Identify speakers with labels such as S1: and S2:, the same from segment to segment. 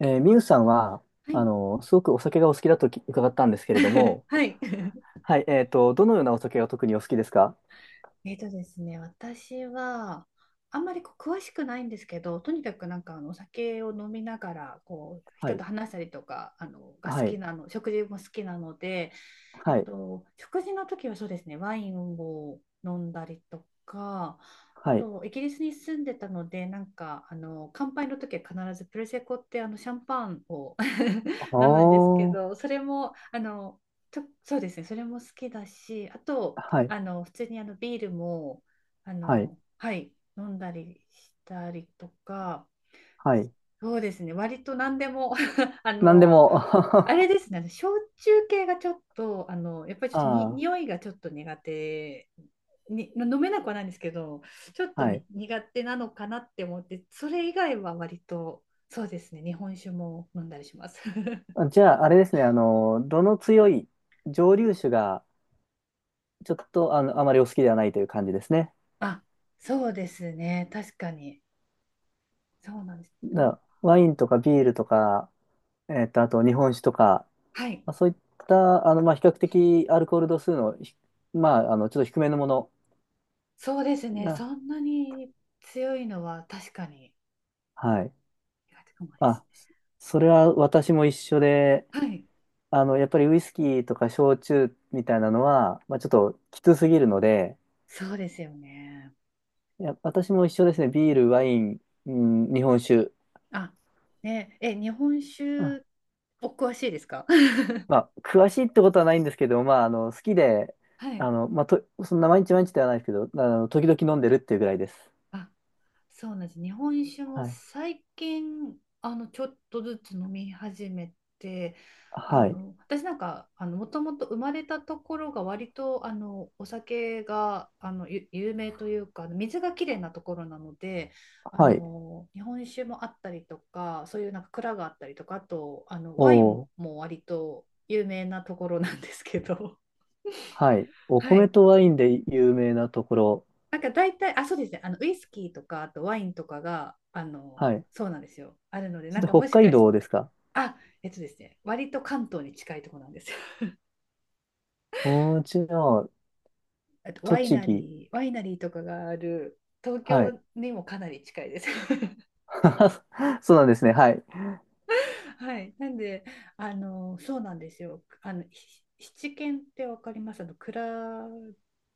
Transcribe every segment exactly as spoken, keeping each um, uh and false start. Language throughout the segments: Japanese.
S1: えー、ミユさんは、
S2: は
S1: あ
S2: い。
S1: の、すごくお酒がお好きだとき伺ったんですけれど も、
S2: はい。
S1: はい、えっと、どのようなお酒が特にお好きですか？
S2: えーとですね、私はあんまりこう詳しくないんですけど、とにかくなんかあのお酒を飲みながらこう
S1: は
S2: 人
S1: い、
S2: と話したりとかあのが好
S1: は
S2: き
S1: い、
S2: なの、食事も好きなので、え
S1: は
S2: っ
S1: い、
S2: と、食事の時はそうですね、ワインを飲んだりとか、あ
S1: はい。
S2: と、イギリスに住んでたので、なんか、あの、乾杯の時は必ずプレセコってあのシャンパンを
S1: あ
S2: 飲むんですけ
S1: ー、
S2: ど、それも、あの、ちょそうですね、それも好きだし、あと、
S1: はい、
S2: あの、普通にあのビールも、あ
S1: はい、
S2: の、はい、飲んだりしたりとか、
S1: はい。
S2: そうですね、割と何でも あ
S1: なんで
S2: の、
S1: も、
S2: あれ
S1: あ
S2: ですね、あの焼酎系がちょっと、あの、やっぱりちょっとに
S1: あ、
S2: 匂いがちょっと苦手に、飲めなくはないんですけど、ちょっと
S1: は
S2: に
S1: い。
S2: 苦手なのかなって思って、それ以外は割と、そうですね、日本酒も飲んだりします。
S1: じゃあ、あれですね、あの、どの強い蒸留酒が、ちょっと、あの、あまりお好きではないという感じですね。
S2: あ、そうですね、確かに。そうなんです。なん
S1: だ、ワイ
S2: か、
S1: ンとかビールとか、えっと、あと日本酒とか、
S2: はい、
S1: まあ、そういった、あの、まあ、比較的アルコール度数のひ、まあ、あの、ちょっと低めのもの
S2: そうですね、そ
S1: が、
S2: んなに強いのは確かに
S1: はい。
S2: 苦手かもで
S1: ま
S2: す
S1: あ、そそれは私も一緒で、
S2: ね。はい、
S1: あの、やっぱりウイスキーとか焼酎みたいなのは、まあ、ちょっときつすぎるので、
S2: そうですよね。
S1: いや、私も一緒ですね。ビール、ワイン、うん、日本酒。
S2: あ、ね、え、日本
S1: うん、
S2: 酒お詳しいですか？
S1: まあ、詳しいってことはないんですけど、まあ、あの、好きで、
S2: はい。
S1: あの、まあ、と、そんな毎日毎日ではないですけど、あの、時々飲んでるっていうぐらいです。
S2: あ、そうなんです。日本酒も
S1: はい。
S2: 最近、あの、ちょっとずつ飲み始めて、あ
S1: はい。
S2: の、私なんか、あの、もともと生まれたところが割と、あの、お酒が、あの、ゆ有名というか、水がきれいなところなので、あ
S1: はい。
S2: の、日本酒もあったりとか、そういうなんか蔵があったりとか、あと、あの、
S1: お
S2: ワイン
S1: ー、
S2: も割と有名なところなんですけど、
S1: はい。お
S2: は
S1: 米
S2: い。
S1: とワインで有名なところ。
S2: なんか大体、あ、そうですね、あのウイスキーとか、あとワインとかが、あの、
S1: はい。
S2: そうなんですよ、あるので、
S1: そ
S2: な
S1: し
S2: ん
S1: て
S2: か
S1: 北
S2: もし
S1: 海
S2: かして、
S1: 道ですか？
S2: あ、えっとですね、割と関東に近いところなんですよ。
S1: うちの
S2: あとワイ
S1: 栃
S2: ナ
S1: 木。
S2: リー、ワイナリーとかがある東
S1: は
S2: 京
S1: い。
S2: にもかなり近いです。
S1: そうなんですね。はい。
S2: はい。なんで、あの、そうなんですよ。あの、ひななけんってわかります？あの、蔵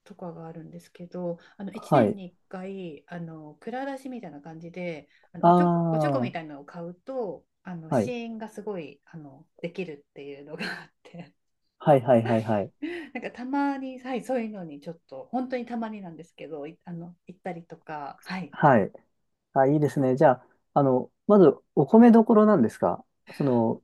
S2: とかがあるんですけど、あの、一
S1: は
S2: 年
S1: い。
S2: に一回、あの、蔵出しみたいな感じで、あの、
S1: あ
S2: おちょこ、おちょこ
S1: あ、
S2: み
S1: は
S2: たいなのを買うと、あの、
S1: い。
S2: 試飲がすごい、あの、できるっていうのがあって、
S1: はいはいはいはい。
S2: なんかたまに、はい、そういうのにちょっと、本当にたまになんですけど、いあの、行ったりとか、はい。
S1: はい。あ、いいですね。じゃあ、あの、まず、お米どころなんですか？その、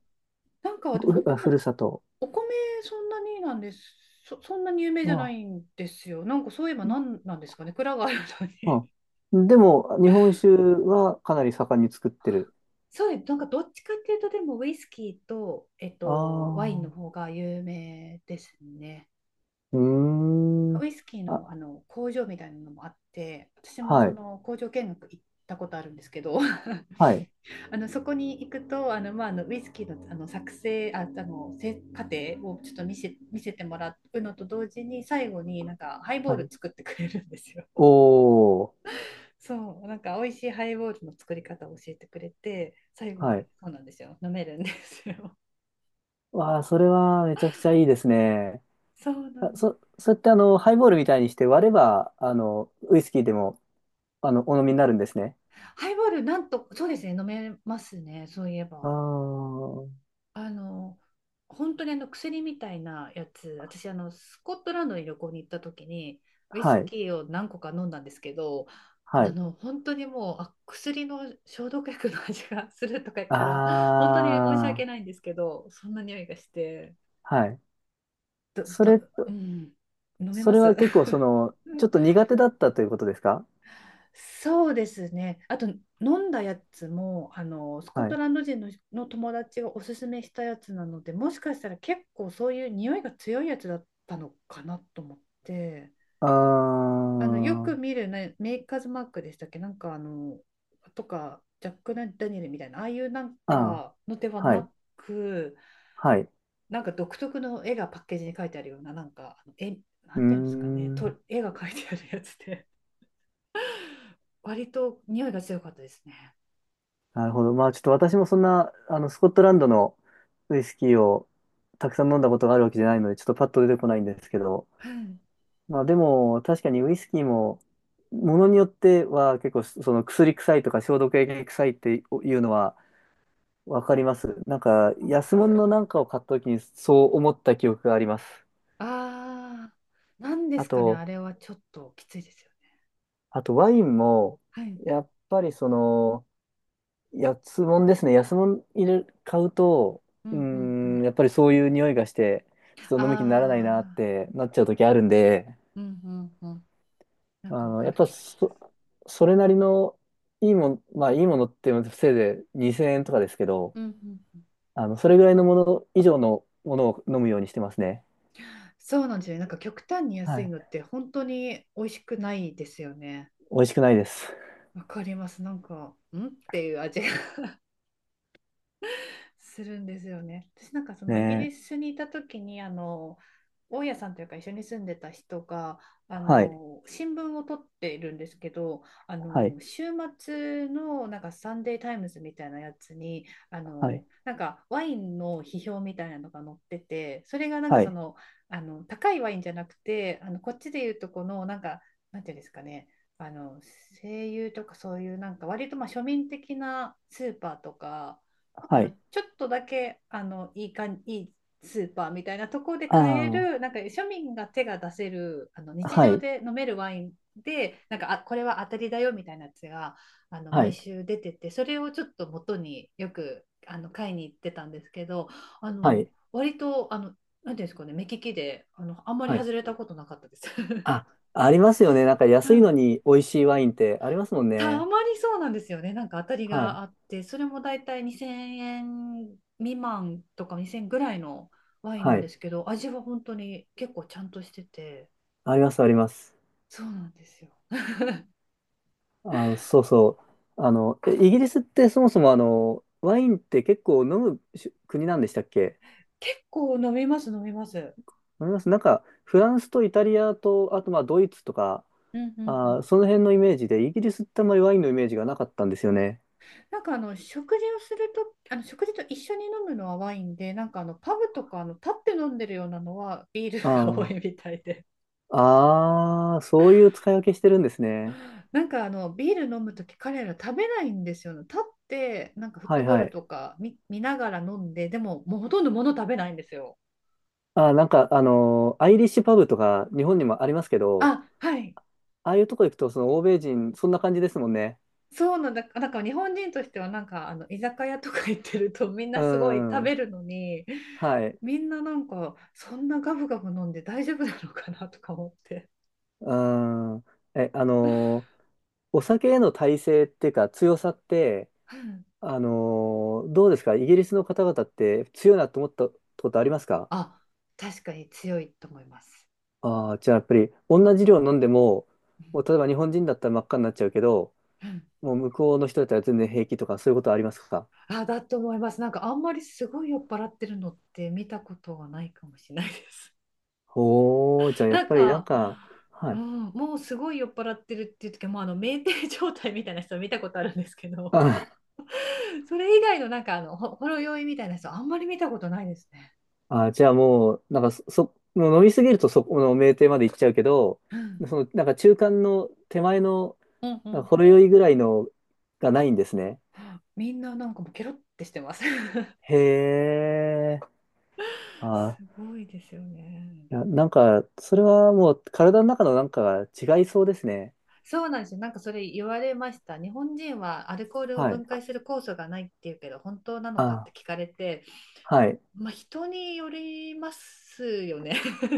S2: なんか、でもお
S1: ふ、あふ
S2: こ、
S1: るさと。
S2: お米そんなになんです。そ、そんなに有名じゃな
S1: あ
S2: いんですよ。なんかそういえばなんなんですかね。蔵があるの
S1: あ、
S2: に。
S1: あでも、日本酒はかなり盛んに作ってる。
S2: そうです。なんかどっちかっていうと、でもウイスキーと、えっ
S1: あ
S2: と、ワインの
S1: あ、
S2: 方が有名ですね。
S1: うーん。
S2: ウイスキーの、あ
S1: あ、
S2: の工場みたいなのもあって、私も
S1: は
S2: そ
S1: い。
S2: の工場見学行ったことあるんですけど、
S1: はい。
S2: あのそこに行くと、あのまあ、あのウイスキーの、あの作成、あ、あのせ過程をちょっと見せ、見せてもらうのと同時に、最後になんかハイボー
S1: は
S2: ル
S1: い。
S2: 作ってくれるんですよ。
S1: おー、
S2: そう、なんか美味しいハイボールの作り方を教えてくれて、最後
S1: は
S2: に
S1: い。
S2: そうなんですよ、飲めるんですよ。
S1: わあ、それはめちゃくちゃいいですね。
S2: そうな
S1: あ、
S2: んで
S1: そ、
S2: す。
S1: それってあの、ハイボールみたいにして割れば、あの、ウイスキーでも、あの、お飲みになるんですね。
S2: ハイボール、なんと、そうですね、飲めますね、そういえ
S1: ああ、
S2: ば。
S1: は
S2: あの、本当にあの薬みたいなやつ、私、あの、スコットランドに旅行に行った時に、ウイス
S1: い、
S2: キーを何個か飲んだんですけど、
S1: は
S2: あ
S1: い。
S2: の、本当にもう、あ、薬の消毒薬の味がするとか言ったら、本当に申し
S1: あ
S2: 訳
S1: あ、
S2: ないんですけど、そんな匂いがして、
S1: はい。
S2: ど
S1: そ
S2: ど、
S1: れ、
S2: うん、飲め
S1: そ
S2: ま
S1: れは
S2: す。
S1: 結構その、ちょっと 苦手だったということですか？
S2: そうですね。あと飲んだやつもあのスコッ
S1: は
S2: ト
S1: い。
S2: ランド人の、の友達がおすすめしたやつなので、もしかしたら結構そういう匂いが強いやつだったのかなと思って、
S1: あ
S2: あのよく
S1: あ、
S2: 見る、ね、メーカーズマークでしたっけ、なんかあのとかジャック・ダニエルみたいなああいうなん
S1: ああ、
S2: かのでは
S1: はい、
S2: なく、
S1: はい。
S2: なんか独特の絵がパッケージに書いてあるような、なんか、絵、な
S1: うー
S2: んていうんですかね、と、
S1: ん。
S2: 絵が書いてあるやつで、割と匂いが強かったですね。
S1: なるほど。まあちょっと私もそんな、あの、スコットランドのウイスキーをたくさん飲んだことがあるわけじゃないので、ちょっとパッと出てこないんですけど、
S2: はい、
S1: まあでも確かにウイスキーも、ものによっては結構その薬臭いとか消毒液臭いっていうのはわかります。なんか
S2: そう
S1: 安
S2: です。
S1: 物のなんかを買った時にそう思った記憶があります。
S2: ああ、なんで
S1: あ
S2: すかね、あ
S1: と、
S2: れはちょっときついですよね。
S1: あとワインも、
S2: はい。
S1: やっぱりその、安物ですね。安物入れ、買うと、
S2: う
S1: うー
S2: んうんうん。
S1: ん、やっぱりそういう匂いがして、ちょっと飲む気にならないなっ
S2: ああ、
S1: てなっちゃう時あるんで、
S2: うんうんうん。な
S1: あ
S2: んかわ
S1: の、
S2: か
S1: やっ
S2: る
S1: ぱ
S2: 気がします。
S1: そ、それなりのいいもん、まあいいものってせいでにせんえんとかですけど、
S2: うんうんうん。
S1: あの、それぐらいのもの以上のものを飲むようにしてますね。
S2: そうなんですよね。なんか極端に
S1: は
S2: 安い
S1: い。
S2: のって本当に美味しくないですよね。
S1: 美味しくないです。
S2: わかります。なんか、んっていう味。するんですよね。私なんかそ
S1: ね
S2: のイギリ
S1: え。
S2: スにいた時にあの大家さんというか一緒に住んでた人があ
S1: はい。
S2: の新聞を取っているんですけどあ
S1: はい。
S2: の週末のなんかサンデータイムズみたいなやつにあ
S1: は
S2: の
S1: い。
S2: なんかワインの批評みたいなのが載っててそれがなんか
S1: は
S2: そ
S1: い。
S2: のあの高いワインじゃなくてあのこっちでいうとこのなんかなんていうんですかねあの声優とかそういうなんか割とまあ庶民的なスーパーとかあ
S1: は
S2: の
S1: い。
S2: ちょっとだけあのいいかんいいスーパーみたいなところで
S1: あ
S2: 買えるな
S1: あ。
S2: んか庶民が手が出せるあの日
S1: は
S2: 常
S1: い。
S2: で飲めるワインでなんか、あ、これは当たりだよみたいなやつがあの
S1: は
S2: 毎
S1: い。
S2: 週出ててそれをちょっと元によくあの買いに行ってたんですけどあ
S1: は
S2: の
S1: い。
S2: 割とあのなんていうんですかね、目利きであのあんまり
S1: はい。
S2: 外れたことなかったです。
S1: あ、ありますよね。なんか
S2: う
S1: 安いの
S2: ん、
S1: に美味しいワインってありますもん
S2: た
S1: ね。
S2: まにそうなんですよね。なんか当たり
S1: は
S2: が
S1: い。
S2: あって、それもだいたいにせんえん未満とかにせんえんぐらいのワイン
S1: は
S2: なんで
S1: い。
S2: すけど、味は本当に結構ちゃんとしてて、
S1: あります、あります。
S2: そうなんですよ。
S1: あの、そうそう。あの、えイギリスってそもそもあの、ワインって結構飲むし国なんでしたっけ？
S2: 結構飲みます、飲みます。
S1: 飲みます。なんか、フランスとイタリアと、あとまあドイツとか、
S2: うんうんう
S1: あー、
S2: ん。
S1: その辺のイメージで、イギリスってあんまりワインのイメージがなかったんですよね。
S2: なんかあの食事をすると、あの食事と一緒に飲むのはワインで、なんかあのパブとかあの立って飲んでるようなのはビールが多
S1: あ
S2: いみたいで。
S1: あ、ああ、そういう使い分けしてるんですね。
S2: なんかあのビール飲むとき彼ら食べないんですよね。立ってなんかフッ
S1: は
S2: ト
S1: い
S2: ボー
S1: は
S2: ル
S1: い。
S2: とか見、見ながら飲んで、でももうほとんど物食べないんですよ。
S1: あー、なんか、あのーアイリッシュパブとか日本にもありますけど、
S2: あ、はい。
S1: ああいうとこ行くと、その欧米人、そんな感じですもんね。
S2: そうなんだ。なんか日本人としてはなんかあの居酒屋とか行ってるとみん
S1: う
S2: なすごい食
S1: ん。
S2: べるのに、
S1: はい。
S2: みんななんかそんなガブガブ飲んで大丈夫なのかなとか思って。
S1: うん。え、あのーお酒への耐性っていうか強さって、
S2: うん、
S1: あのーどうですかイギリスの方々って強いなと思ったことありますか？
S2: あ、確かに強いと思います。
S1: ああー、じゃあやっぱり同じ量飲んでも、
S2: う
S1: も
S2: ん
S1: う例えば日本人だったら真っ赤になっちゃうけど、
S2: うん、
S1: もう向こうの人だったら全然平気とかそういうことありますか？
S2: あ、だと思います。なんかあんまりすごい酔っ払ってるのって見たことがないかもしれないです。
S1: おー、じゃ あやっ
S2: なん
S1: ぱりなん
S2: か、
S1: か、は
S2: う
S1: い。
S2: ん、もうすごい酔っ払ってるっていう時はもうあの酩酊状態みたいな人見たことあるんですけど、
S1: あ
S2: それ以外のなんかあのほほろ酔いみたいな人あんまり見たことないですね。
S1: あ、じゃあもう、なんかそ、そもう飲みすぎるとそこの酩酊まで行っちゃうけど、
S2: うん、
S1: その、なんか中間の手前の、
S2: うんう
S1: なんか
S2: ん。
S1: ほろ酔いぐらいのがないんですね。
S2: みんななんかもうケロってしてます。
S1: へえ。あ、
S2: すごいですよね。
S1: いや、なんか、それはもう体の中のなんかが違いそうですね。
S2: そうなんですよ。なんかそれ言われました。日本人はアルコールを
S1: はい。
S2: 分解する酵素がないっていうけど、本当なのかっ
S1: あ、
S2: て聞かれて、
S1: はい。
S2: まあ、人によりますよね。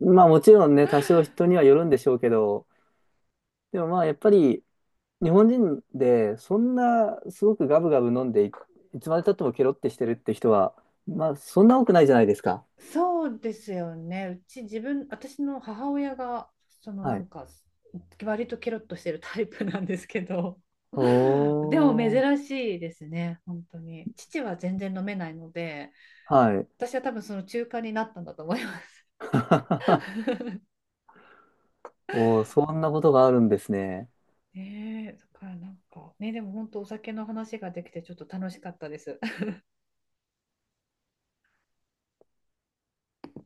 S1: まあもちろんね、多少人にはよるんでしょうけど、でもまあやっぱり日本人でそんなすごくガブガブ飲んでい、いつまで経ってもケロってしてるって人は、まあそんな多くないじゃないですか。
S2: そうですよね。うち自分、私の母親が、そのな
S1: は
S2: ん
S1: い。
S2: か、割とケロッとしてるタイプなんですけど、
S1: お
S2: でも
S1: ー。
S2: 珍しいですね、本当に。父は全然飲めないので、
S1: はい。
S2: 私は多分その中間になったんだと思います。
S1: おー、そんなことがあるんですね。
S2: ねえ、だからなんか、ね、でも本当お酒の話ができてちょっと楽しかったです。